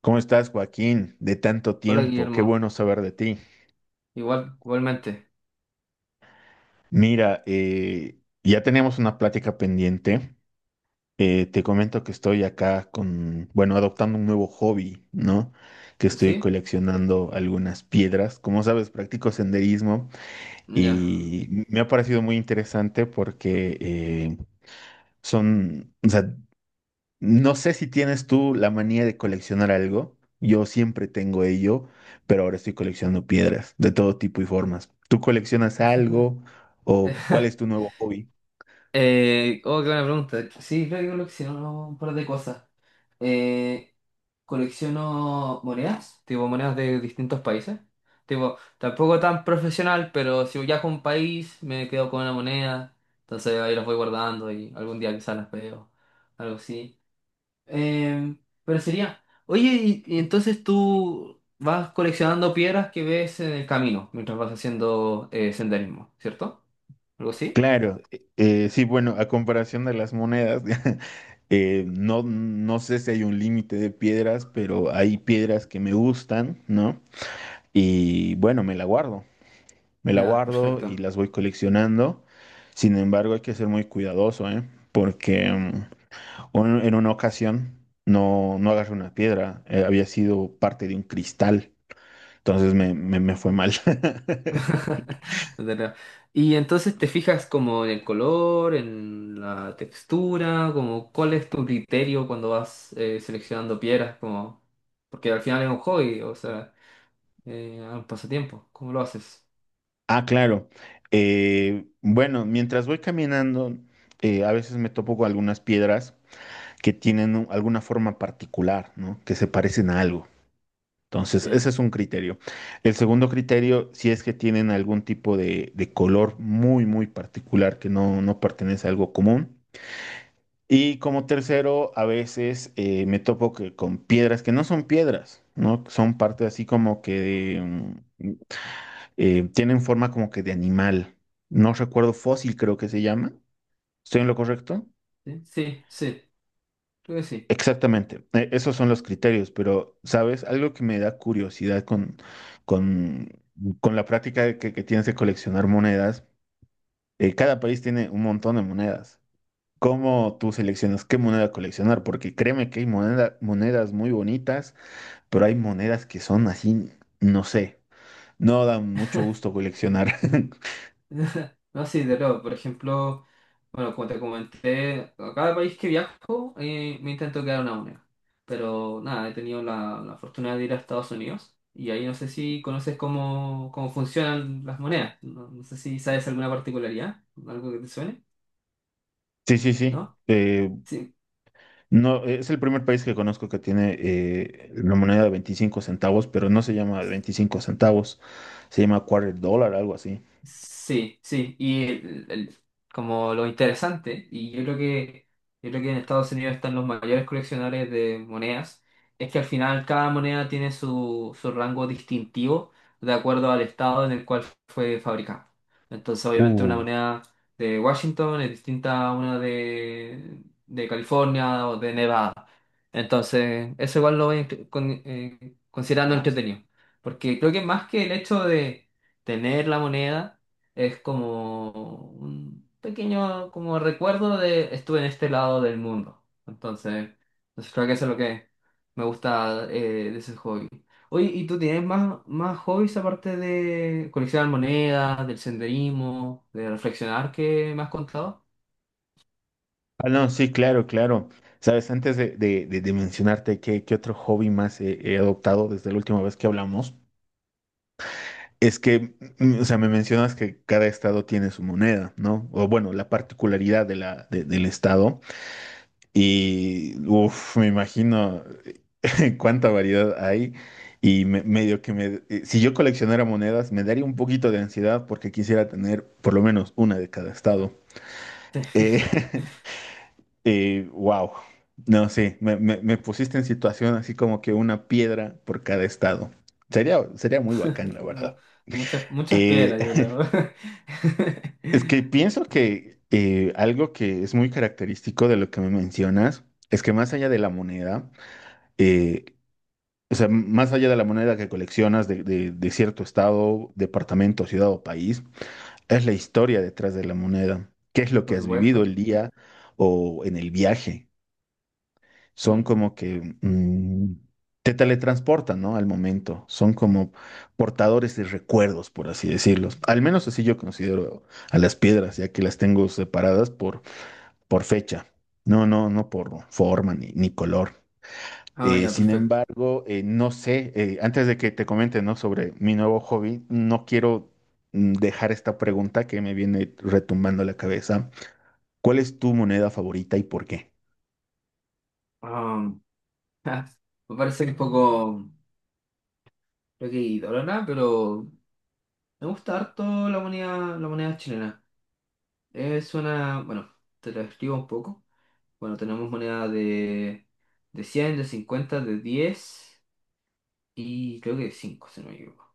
¿Cómo estás, Joaquín? De tanto Hola tiempo, qué Guillermo, bueno saber de ti. igual, igualmente. Mira, ya teníamos una plática pendiente. Te comento que estoy acá con, bueno, adoptando un nuevo hobby, ¿no? Que estoy ¿Sí? coleccionando algunas piedras. Como sabes, practico senderismo Ya. y me ha parecido muy interesante porque son, o sea, no sé si tienes tú la manía de coleccionar algo. Yo siempre tengo ello, pero ahora estoy coleccionando piedras de todo tipo y formas. ¿Tú coleccionas algo o cuál es tu nuevo hobby? Oh, qué buena pregunta. Sí, creo que colecciono un par de cosas. Eh, colecciono monedas, tipo monedas de distintos países. Tipo, tampoco tan profesional, pero si viajo a un país me quedo con una moneda. Entonces ahí las voy guardando y algún día quizás las veo. Algo así. Em, pero sería, oye, y entonces tú vas coleccionando piedras que ves en el camino mientras vas haciendo senderismo, ¿cierto? ¿Algo así? Claro, sí, bueno, a comparación de las monedas, no, no sé si hay un límite de piedras, pero hay piedras que me gustan, ¿no? Y bueno, me la Ya, guardo y perfecto. las voy coleccionando. Sin embargo, hay que ser muy cuidadoso, ¿eh? Porque... mm, O en una ocasión no, no agarré una piedra, había sido parte de un cristal, entonces me fue mal. No te creo. Y entonces te fijas como en el color, en la textura, como cuál es tu criterio cuando vas seleccionando piedras, como porque al final es un hobby, o sea, un pasatiempo. ¿Cómo lo haces? Ah, claro. Bueno, mientras voy caminando, a veces me topo con algunas piedras que tienen alguna forma particular, ¿no? Que se parecen a algo. Entonces, ese Ya. es un criterio. El segundo criterio, si es que tienen algún tipo de color muy, muy particular que no, no pertenece a algo común. Y como tercero, a veces me topo que con piedras que no son piedras, ¿no? Son parte así como que de tienen forma como que de animal. No recuerdo, fósil, creo que se llama. ¿Estoy en lo correcto? Sí, sí, sí, creo que sí. Exactamente. Esos son los criterios, pero, ¿sabes? Algo que me da curiosidad con, con la práctica de que tienes de coleccionar monedas. Cada país tiene un montón de monedas. ¿Cómo tú seleccionas qué moneda coleccionar? Porque créeme que hay monedas muy bonitas, pero hay monedas que son así, no sé, no dan mucho gusto coleccionar. No, sí, de luego, por ejemplo, bueno, como te comenté, a cada país que viajo me intento quedar una moneda. Pero nada, he tenido la, la fortuna de ir a Estados Unidos y ahí no sé si conoces cómo, cómo funcionan las monedas. No, no sé si sabes alguna particularidad, algo que te suene, Sí, sí, sí. ¿no? Sí. No, es el primer país que conozco que tiene la moneda de 25 centavos, pero no se llama 25 centavos, se llama quarter dólar, algo así. Sí, sí, como lo interesante, yo creo que en Estados Unidos están los mayores coleccionadores de monedas, es que al final cada moneda tiene su, su rango distintivo de acuerdo al estado en el cual fue fabricada. Entonces, obviamente una Uh. moneda de Washington es distinta a una de California o de Nevada. Entonces, eso igual lo voy a considerando entretenido, porque creo que más que el hecho de tener la moneda es como un pequeño como recuerdo de estuve en este lado del mundo. Entonces creo que eso es lo que me gusta de ese hobby. Oye, ¿y tú tienes más, más hobbies aparte de coleccionar monedas, del senderismo, de reflexionar que me has contado? Ah, no, sí, claro, claro. Sabes, antes de mencionarte qué otro hobby más he adoptado desde la última vez que hablamos, es que, mm, o sea, me mencionas que cada estado tiene su moneda, ¿no? O bueno, la particularidad de del estado. Y, uff, me imagino cuánta variedad hay. Si yo coleccionara monedas, me daría un poquito de ansiedad porque quisiera tener por lo menos una de cada estado. Eh, wow. No sé, me pusiste en situación así como que una piedra por cada estado. Sería, sería muy bacán, la Como verdad. muchas, muchas Eh, piedras, yo creo. Es que pienso que algo que es muy característico de lo que me mencionas es que más allá de la moneda, eh, o sea, más allá de la moneda que coleccionas de cierto estado, departamento, ciudad o país, es la historia detrás de la moneda. ¿Qué es lo que Por has vivido supuesto. el día o en el viaje? Son Mm. como que mm, Te teletransportan, ¿no? Al momento. Son como portadores de recuerdos, por así decirlos. Al menos así yo considero a las piedras, ya que las tengo separadas por fecha, no por forma ni, ni color. Ah, ya, Sin perfecto. embargo, no sé, antes de que te comente, ¿no?, sobre mi nuevo hobby, no quiero, dejar esta pregunta que me viene retumbando la cabeza. ¿Cuál es tu moneda favorita y por qué? Am, me parece un poco. Creo que idólatra, pero me gusta harto la moneda chilena. Es una, bueno, te la escribo un poco. Bueno, tenemos moneda de cien, de cincuenta, de 10 y creo que de 5, si no me equivoco.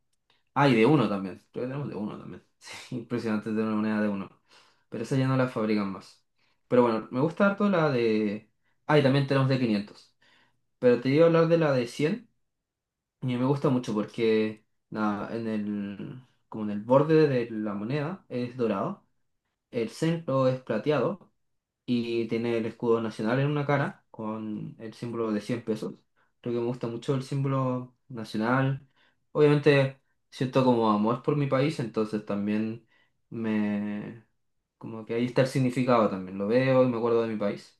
Ah, y de uno también. Creo que tenemos de uno también. Sí, impresionante tener una moneda de uno. Pero esa ya no la fabrican más. Pero bueno, me gusta harto la de... Ah, y también tenemos de quinientos. Pero te iba a hablar de la de cien. Y me gusta mucho porque nada, en el, como en el borde de la moneda es dorado, el centro es plateado y tiene el escudo nacional en una cara con el símbolo de 100 pesos. Creo que me gusta mucho el símbolo nacional. Obviamente siento como amor por mi país, entonces también me... como que ahí está el significado también. Lo veo y me acuerdo de mi país.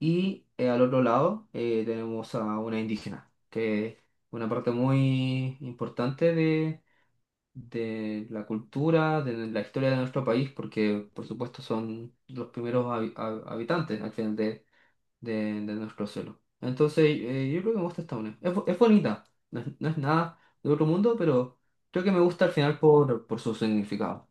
Y al otro lado tenemos a una indígena, que es una parte muy importante de la cultura, de la historia de nuestro país, porque por supuesto son los primeros habitantes al final de, de nuestro suelo. Entonces yo creo que me gusta esta unión. Es, es bonita, no es, no es nada de otro mundo, pero creo que me gusta al final por su significado.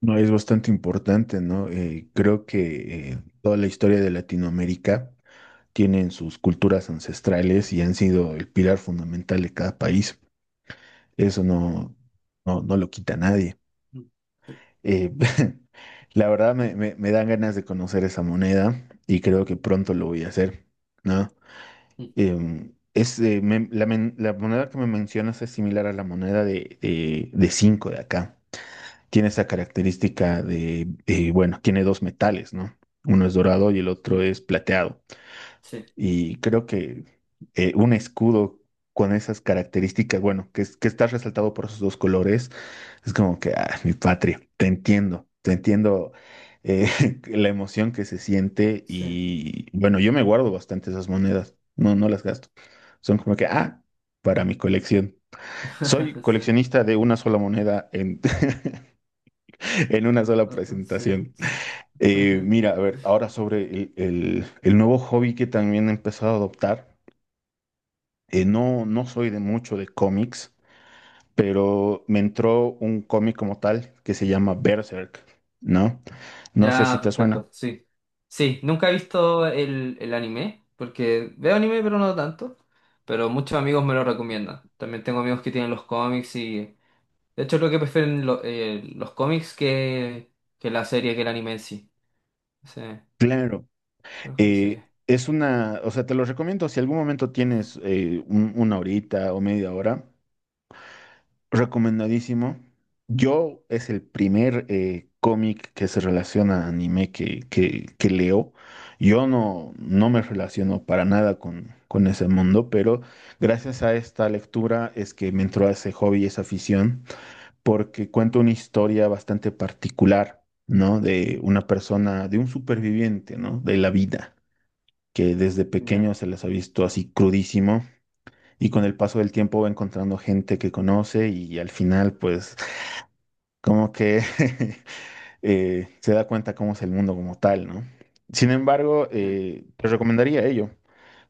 No, es bastante importante, ¿no? Creo que toda la historia de Latinoamérica tienen sus culturas ancestrales y han sido el pilar fundamental de cada país. Eso no lo quita nadie. Mm, sí, Eh, la verdad me dan ganas de conocer esa moneda y creo que pronto lo voy a hacer, ¿no? mm, Em, es, me- la, men- La moneda que me mencionas es similar a la moneda de cinco de acá. Tiene esa característica de, bueno, tiene dos metales, ¿no? Uno es dorado y el otro mm, es plateado. sí, Y creo que un escudo con esas características, bueno, que, que está resaltado por esos dos colores, es como que, ah, mi patria, te entiendo, te entiendo, eh, la emoción que se siente sí, y bueno, yo me guardo bastante esas monedas, no, no las gasto. Son como que, ah, para mi colección. Soy sí, coleccionista de una sola moneda en, en una sola no, no, sí. presentación. Sí. Mira, a ver, ahora sobre el nuevo hobby que también he empezado a adoptar. No, no soy de mucho de cómics, pero me entró un cómic como tal que se llama Berserk, ¿no? No sé si Ya, te suena. perfecto, sí. Sí, nunca he visto el anime, porque veo anime pero no tanto, pero muchos amigos me lo recomiendan. También tengo amigos que tienen los cómics y... De hecho, creo que prefieren los cómics que la serie, que el anime en sí. Sí, creo Claro, que la serie. es una, o sea, te lo recomiendo si algún momento tienes una horita o media hora. Recomendadísimo. Yo es el primer cómic que se relaciona a anime que leo. Yo no, no me relaciono para nada con, con ese mundo, pero gracias a esta lectura es que me entró ese hobby, esa afición, porque cuenta una historia bastante particular, ¿no? De una persona, de un superviviente, ¿no? De la vida, que desde pequeño Ya. se les ha visto así crudísimo. Y con el paso del tiempo va encontrando gente que conoce y al final pues como que se da cuenta cómo es el mundo como tal, ¿no? Sin embargo, Sí, te recomendaría ello.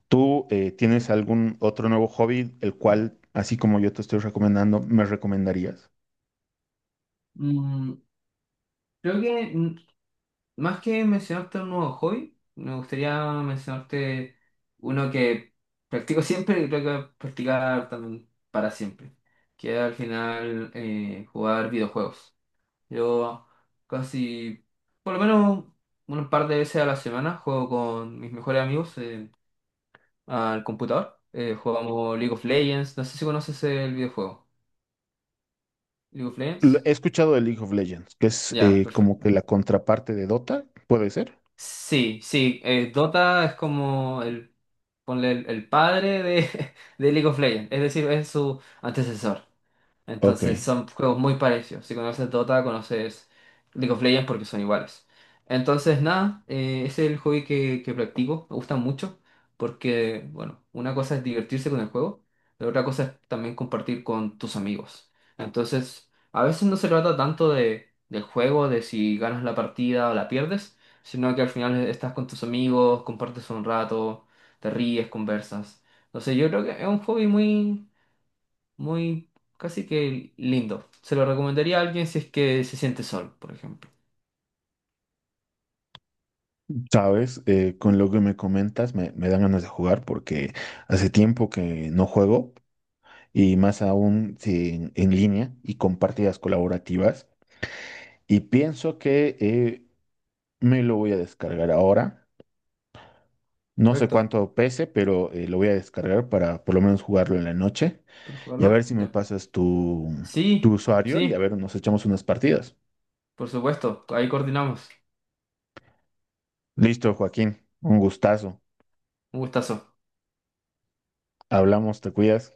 ¿Tú ya. tienes algún otro nuevo hobby, el cual, así como yo te estoy recomendando, me recomendarías? Mm, creo que... Más que mencionarte un nuevo hobby, me gustaría mencionarte uno que practico siempre y creo que voy a practicar también para siempre, que es al final jugar videojuegos. Yo casi, por lo menos un par de veces a la semana, juego con mis mejores amigos al computador. Jugamos League of Legends, no sé si conoces el videojuego. ¿League of Legends? He escuchado de League of Legends, que es Ya, como perfecto. que la contraparte de Dota, ¿puede ser? Sí, sí, Dota es como el... Ponle el padre de, de League of Legends, es decir, es su antecesor. Ok, Entonces son juegos muy parecidos. Si conoces Dota, conoces League of Legends porque son iguales. Entonces, nada, ese es el hobby que practico. Me gusta mucho porque, bueno, una cosa es divertirse con el juego, pero otra cosa es también compartir con tus amigos. Entonces, a veces no se trata tanto de, del juego, de si ganas la partida o la pierdes, sino que al final estás con tus amigos, compartes un rato, te ríes, conversas. Entonces, yo creo que es un hobby muy muy casi que lindo. Se lo recomendaría a alguien si es que se siente sol, por ejemplo. sabes, con lo que me comentas me dan ganas de jugar porque hace tiempo que no juego y más aún si en, en línea y con partidas colaborativas. Y pienso que me lo voy a descargar ahora. No sé Perfecto. cuánto pese, pero lo voy a descargar para por lo menos jugarlo en la noche ¿Puedo y a ver jugarlo? si me Ya. pasas tu, tu Sí, usuario y a sí, ver, nos echamos unas partidas. por supuesto. Ahí coordinamos. Listo, Joaquín, un gustazo. Un gustazo. Hablamos, te cuidas.